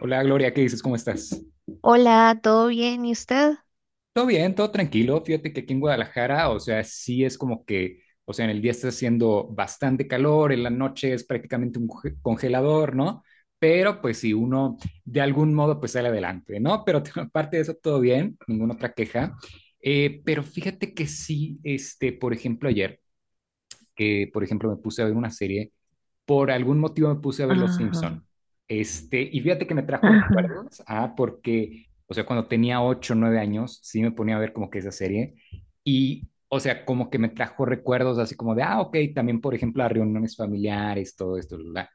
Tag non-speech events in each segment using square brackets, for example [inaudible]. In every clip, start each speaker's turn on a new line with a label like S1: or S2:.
S1: Hola Gloria, ¿qué dices? ¿Cómo estás?
S2: Hola, ¿todo bien? ¿Y usted?
S1: Todo bien, todo tranquilo. Fíjate que aquí en Guadalajara, o sea, sí es como que, o sea, en el día está haciendo bastante calor, en la noche es prácticamente un congelador, ¿no? Pero pues si uno de algún modo pues sale adelante, ¿no? Pero [laughs] aparte de eso, todo bien, ninguna otra queja. Pero fíjate que sí, este, por ejemplo, ayer, que por ejemplo me puse a ver una serie por algún motivo me puse a ver Los
S2: Ajá,
S1: Simpson. Este, y fíjate que me
S2: [laughs]
S1: trajo
S2: ajá,
S1: recuerdos, ah, porque, o sea, cuando tenía 8 9 años, sí me ponía a ver como que esa serie. Y, o sea, como que me trajo recuerdos así como de, ah, ok, también, por ejemplo, a reuniones familiares, todo esto, bla, bla.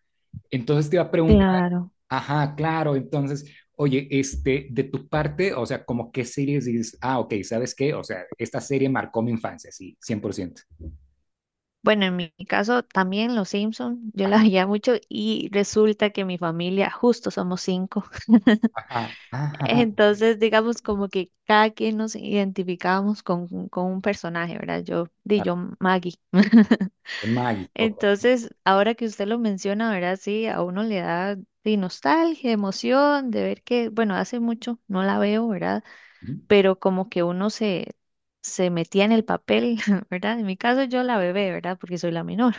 S1: Entonces te iba a preguntar,
S2: claro.
S1: ajá, claro, entonces, oye, este, de tu parte, o sea, como qué series dices, ah, ok, ¿sabes qué? O sea, esta serie marcó mi infancia, sí, 100%.
S2: Bueno, en mi caso también los Simpson, yo la
S1: Ajá,
S2: veía mucho y resulta que mi familia justo somos cinco. [laughs]
S1: ajá, ajá, ajá, ok,
S2: Entonces, digamos como que cada quien nos identificábamos con un personaje, ¿verdad? Yo, di
S1: claro,
S2: yo Maggie. [laughs]
S1: con Maggie, ok,
S2: Entonces, ahora que usted lo menciona, ¿verdad? Sí, a uno le da nostalgia, emoción de ver que, bueno, hace mucho no la veo, ¿verdad?
S1: ujú,
S2: Pero como que se metía en el papel, [laughs] ¿verdad? En mi caso yo la bebé, ¿verdad? Porque soy la menor,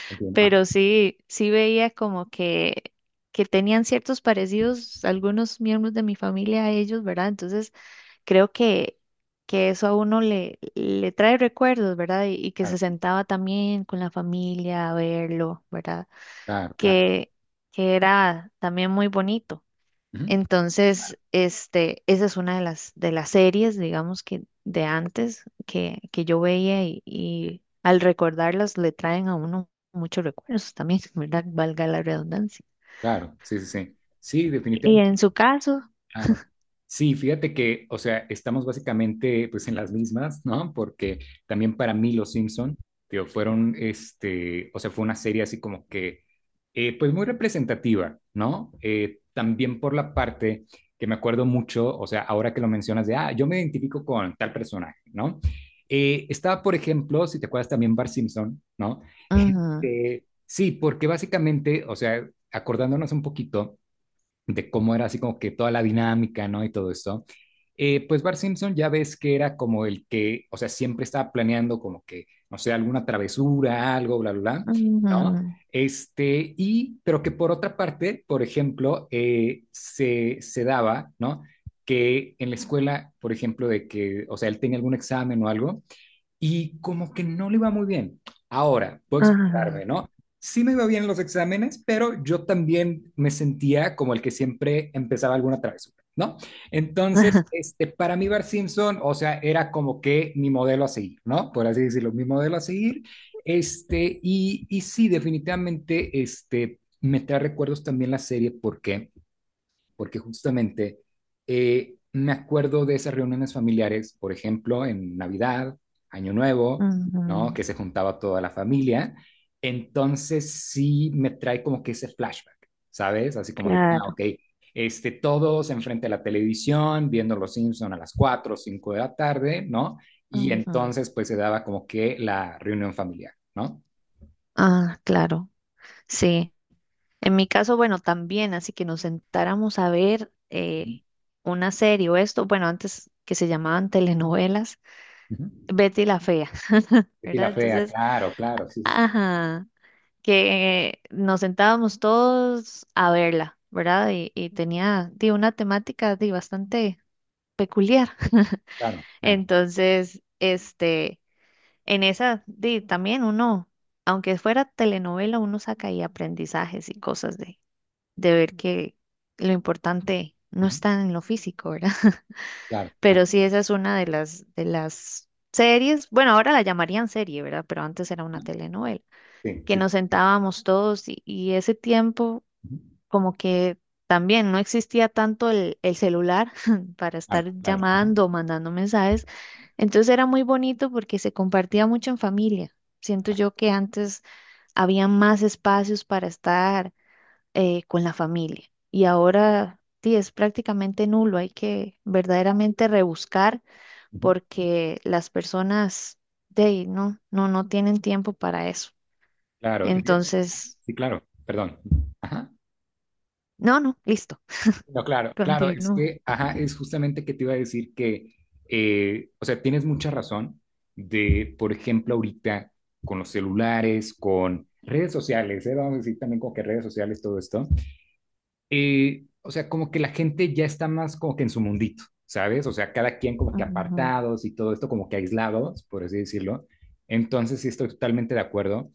S2: [laughs]
S1: entiendo. Ah,
S2: pero sí, sí veía como que tenían ciertos parecidos algunos miembros de mi familia a ellos, ¿verdad? Entonces creo que eso a uno le trae recuerdos, ¿verdad? Y que se
S1: claro,
S2: sentaba también con la familia a verlo, ¿verdad?
S1: claro, claro.
S2: Que, que era también muy bonito.
S1: Ujú,
S2: Entonces, esa es una de de las series, digamos, que de antes que yo veía y al recordarlas le traen a uno muchos recuerdos también, [laughs] ¿verdad? Valga la redundancia.
S1: claro, sí, sí, sí. Sí,
S2: Y
S1: definitivamente.
S2: en su caso,
S1: Claro. Sí, fíjate que, o sea, estamos básicamente pues en las mismas, ¿no? Porque también para mí Los Simpson, digo, fueron, este, o sea, fue una serie así como que, pues muy representativa, ¿no? También por la parte que me acuerdo mucho, o sea, ahora que lo mencionas de, ah, yo me identifico con tal personaje, ¿no? Estaba, por ejemplo, si te acuerdas también Bart Simpson, ¿no? [laughs]
S2: ujú,
S1: Este, sí, porque básicamente, o sea, acordándonos un poquito de cómo era así como que toda la dinámica, ¿no? Y todo esto. Pues Bart Simpson ya ves que era como el que, o sea, siempre estaba planeando como que, no sé, alguna travesura, algo, bla, bla, bla, ¿no?
S2: ujú,
S1: Este, pero que por otra parte, por ejemplo, se daba, ¿no? Que en la escuela, por ejemplo, de que, o sea, él tenía algún examen o algo, y como que no le iba muy bien. Ahora, puedo explicarme,
S2: ajá,
S1: ¿no? Sí me iba bien los exámenes, pero yo también me sentía como el que siempre empezaba alguna travesura, ¿no?
S2: [laughs]
S1: Entonces,
S2: ajá,
S1: este, para mí Bart Simpson, o sea, era como que mi modelo a seguir, ¿no? Por así decirlo, mi modelo a seguir. Este, y sí, definitivamente, este, me trae recuerdos también la serie porque justamente me acuerdo de esas reuniones familiares, por ejemplo, en Navidad, Año Nuevo, ¿no?
S2: ujú,
S1: Que se juntaba toda la familia. Entonces sí me trae como que ese flashback, ¿sabes? Así como de, ah,
S2: claro,
S1: ok, este, todos enfrente de la televisión, viendo Los Simpson a las 4 o 5 de la tarde, ¿no? Y
S2: ujú,
S1: entonces pues se daba como que la reunión familiar, ¿no?
S2: ah, claro, sí. En mi caso, bueno, también, así que nos sentáramos a ver
S1: Ujú.
S2: una serie o esto, bueno, antes que se llamaban telenovelas
S1: Ujú.
S2: Betty la fea,
S1: Y
S2: ¿verdad?
S1: la fea,
S2: Entonces,
S1: claro, claro, sí, sí, sí,
S2: ajá, que nos sentábamos todos a verla, ¿verdad? Y tenía una temática bastante peculiar. [laughs]
S1: claro, claro,
S2: Entonces, en esa, también uno, aunque fuera telenovela, uno saca ahí aprendizajes y cosas de ver que lo importante no
S1: ujú,
S2: está en lo físico, ¿verdad? [laughs]
S1: claro, claro.
S2: Pero sí, esa es una de de las series, bueno, ahora la llamarían serie, ¿verdad? Pero antes era una telenovela.
S1: Sí,
S2: Que
S1: sí.
S2: nos
S1: Sí.
S2: sentábamos todos y ese tiempo
S1: Ujú.
S2: como que también no existía tanto el celular [laughs] para
S1: Claro,
S2: estar
S1: claro. Ajá,
S2: llamando o mandando mensajes. Entonces era muy bonito porque se compartía mucho en familia. Siento
S1: claro.
S2: yo que antes había más espacios para estar con la familia y ahora sí es prácticamente nulo. Hay que verdaderamente rebuscar
S1: Ujú.
S2: porque las personas de ahí no tienen tiempo para eso.
S1: Claro, y
S2: Entonces,
S1: sí, claro, perdón. Ajá.
S2: no, no, listo.
S1: No, claro, claro, es
S2: Continúa.
S1: que, ajá, es justamente que te iba a decir que, o sea, tienes mucha razón de, por ejemplo, ahorita con los celulares, con redes sociales, ¿eh? Vamos a decir también con que redes sociales, todo esto, o sea, como que la gente ya está más como que en su mundito, ¿sabes? O sea, cada quien como que
S2: Ujú,
S1: apartados y todo esto como que aislados, por así decirlo. Entonces, sí, estoy totalmente de acuerdo.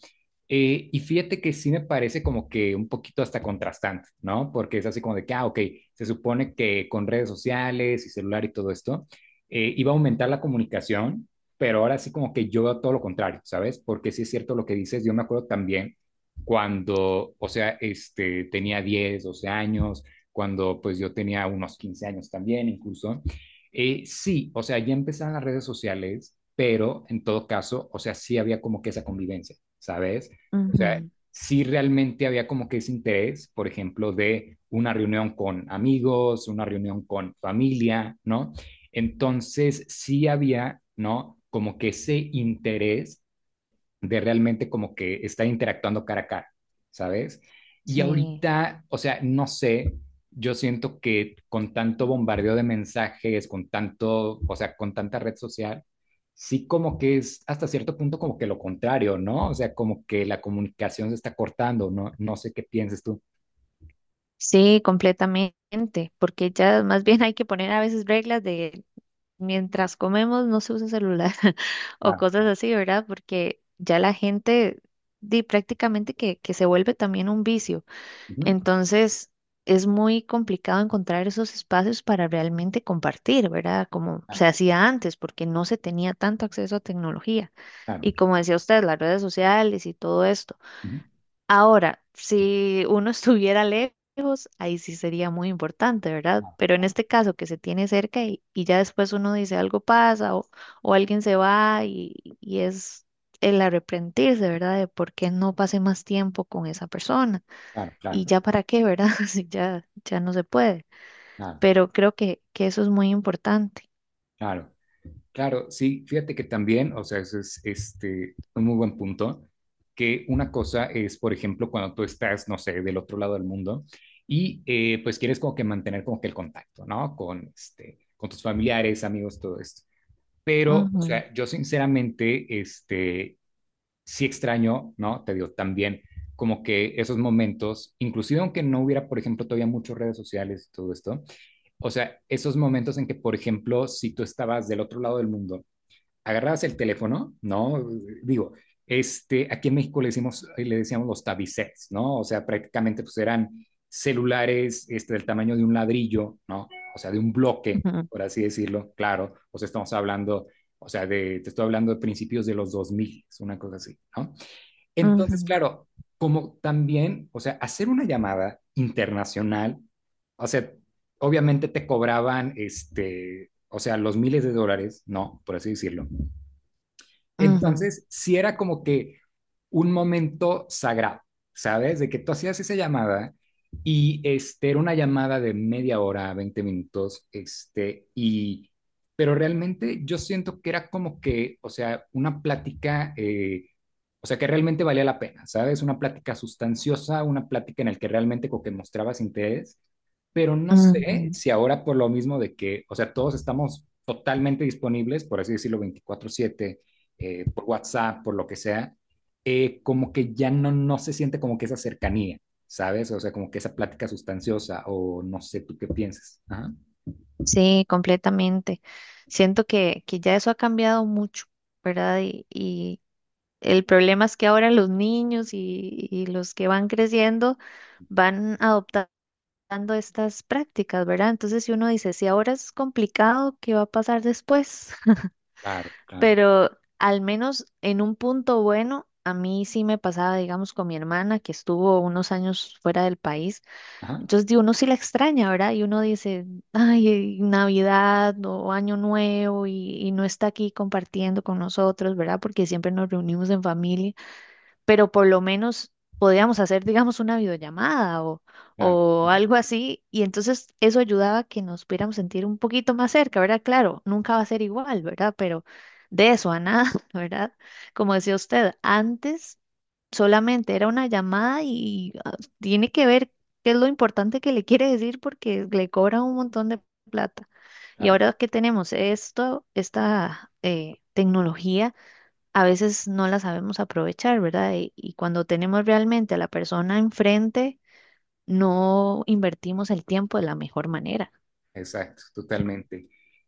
S1: Y fíjate que sí me parece como que un poquito hasta contrastante, ¿no? Porque es así como de que, ah, ok, se supone que con redes sociales y celular y todo esto iba a aumentar la comunicación, pero ahora sí como que yo veo todo lo contrario, ¿sabes? Porque sí es cierto lo que dices, yo me acuerdo también cuando, o sea, este, tenía 10, 12 años, cuando pues yo tenía unos 15 años también incluso. Sí, o sea, ya empezaban las redes sociales, pero en todo caso, o sea, sí había como que esa convivencia, ¿sabes? O sea,
S2: ujú,
S1: sí realmente había como que ese interés, por ejemplo, de una reunión con amigos, una reunión con familia, ¿no? Entonces, sí había, ¿no? Como que ese interés de realmente como que estar interactuando cara a cara, ¿sabes? Y
S2: sí,
S1: ahorita, o sea, no sé, yo siento que con tanto bombardeo de mensajes, con tanto, o sea, con tanta red social, sí como que es hasta cierto punto como que lo contrario, ¿no? O sea, como que la comunicación se está cortando, ¿no? No sé qué pienses tú.
S2: sí, completamente, porque ya más bien hay que poner a veces reglas de mientras comemos no se usa celular [laughs] o
S1: Claro,
S2: cosas así, ¿verdad? Porque ya la gente di prácticamente que se vuelve también un vicio.
S1: ujú,
S2: Entonces, es muy complicado encontrar esos espacios para realmente compartir, ¿verdad? Como
S1: claro,
S2: se hacía antes, porque no se tenía tanto acceso a tecnología.
S1: claro,
S2: Y como decía usted, las redes sociales y todo esto.
S1: ujú,
S2: Ahora, si uno [laughs] estuviera lejos, ahí sí sería muy importante, ¿verdad?
S1: claro,
S2: Pero en este caso que se tiene cerca y ya después uno dice algo pasa o alguien se va y es el arrepentirse, ¿verdad? De por qué no pasé más tiempo con esa persona
S1: claro, claro,
S2: y
S1: claro,
S2: ya para qué, ¿verdad? [laughs] Si ya, ya no se puede.
S1: claro,
S2: Pero creo que eso es muy importante.
S1: claro. Claro, sí, fíjate que también, o sea, eso es este, un muy buen punto, que una cosa es, por ejemplo, cuando tú estás, no sé, del otro lado del mundo y pues quieres como que mantener como que el contacto, ¿no? Con, este, con tus familiares, amigos, todo esto. Pero, o
S2: Ujú,
S1: sea, yo sinceramente, este, sí extraño, ¿no? Te digo, también como que esos momentos, inclusive aunque no hubiera, por ejemplo, todavía muchas redes sociales y todo esto, o sea, esos momentos en que, por ejemplo, si tú estabas del otro lado del mundo, agarrabas el teléfono, ¿no? Digo, este, aquí en México le decíamos los tabicets, ¿no? O sea, prácticamente pues eran celulares este, del tamaño de un ladrillo, ¿no? O sea, de un bloque,
S2: ujú,
S1: por así decirlo, claro. O sea, estamos hablando, o sea, de, te estoy hablando de principios de los 2000, es una cosa así, ¿no? Entonces,
S2: ujú,
S1: claro, como también, o sea, hacer una llamada internacional, o sea, obviamente te cobraban, este, o sea, los miles de dólares, ¿no? Por así decirlo.
S2: ujú,
S1: Entonces, sí era como que un momento sagrado, ¿sabes? De que tú hacías esa llamada y este, era una llamada de media hora, 20 minutos, este, y, pero realmente yo siento que era como que, o sea, una plática, o sea, que realmente valía la pena, ¿sabes? Una plática sustanciosa, una plática en la que realmente como que mostrabas interés, pero no sé
S2: ujú.
S1: si ahora por lo mismo de que, o sea, todos estamos totalmente disponibles, por así decirlo, 24/7 por WhatsApp, por lo que sea, como que ya no se siente como que esa cercanía, ¿sabes? O sea, como que esa plática sustanciosa o no sé tú qué piensas. Ajá.
S2: Sí, completamente. Siento que ya eso ha cambiado mucho, ¿verdad? Y el problema es que ahora los niños y los que van creciendo van adoptando estas prácticas, ¿verdad? Entonces, si uno dice, si ahora es complicado, ¿qué va a pasar después?
S1: Claro, claro.
S2: Pero al menos en un punto bueno, a mí sí me pasaba, digamos, con mi hermana que estuvo unos años fuera del país.
S1: Ajá.
S2: Entonces, uno sí la extraña, ¿verdad? Y uno dice, [laughs] ay, Navidad o Año Nuevo y no está aquí compartiendo con nosotros, ¿verdad? Porque siempre nos reunimos en familia, pero por lo menos podíamos hacer, digamos, una videollamada
S1: Claro,
S2: o algo así, y entonces eso ayudaba a que nos pudiéramos sentir un poquito más cerca, ¿verdad? Claro, nunca va a ser igual, ¿verdad? Pero de eso a nada, [laughs] ¿verdad? Como decía usted, antes solamente era una llamada y ah, tiene que ver qué es lo importante que le quiere decir porque le cobran un montón de plata. Y
S1: claro.
S2: ahora que tenemos esto, esta tecnología, a veces no la sabemos aprovechar, ¿verdad? Y cuando tenemos realmente a la persona enfrente, no invertimos el tiempo de la mejor manera.
S1: Exacto, totalmente.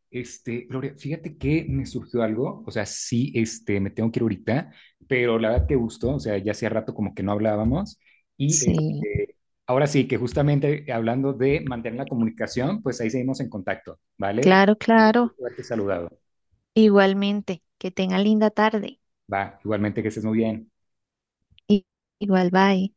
S1: Este, Gloria, fíjate que me surgió algo, o sea, sí, este, me tengo que ir ahorita, pero la verdad que gustó, o sea, ya hacía rato como que no hablábamos y
S2: Sí,
S1: este, ahora sí, que justamente hablando de mantener la comunicación, pues ahí seguimos en contacto, ¿vale?
S2: claro,
S1: Es un
S2: claro.
S1: gusto haberte saludado.
S2: Igualmente, que tenga linda tarde.
S1: Va, igualmente que estés muy bien.
S2: I- Igual, bye.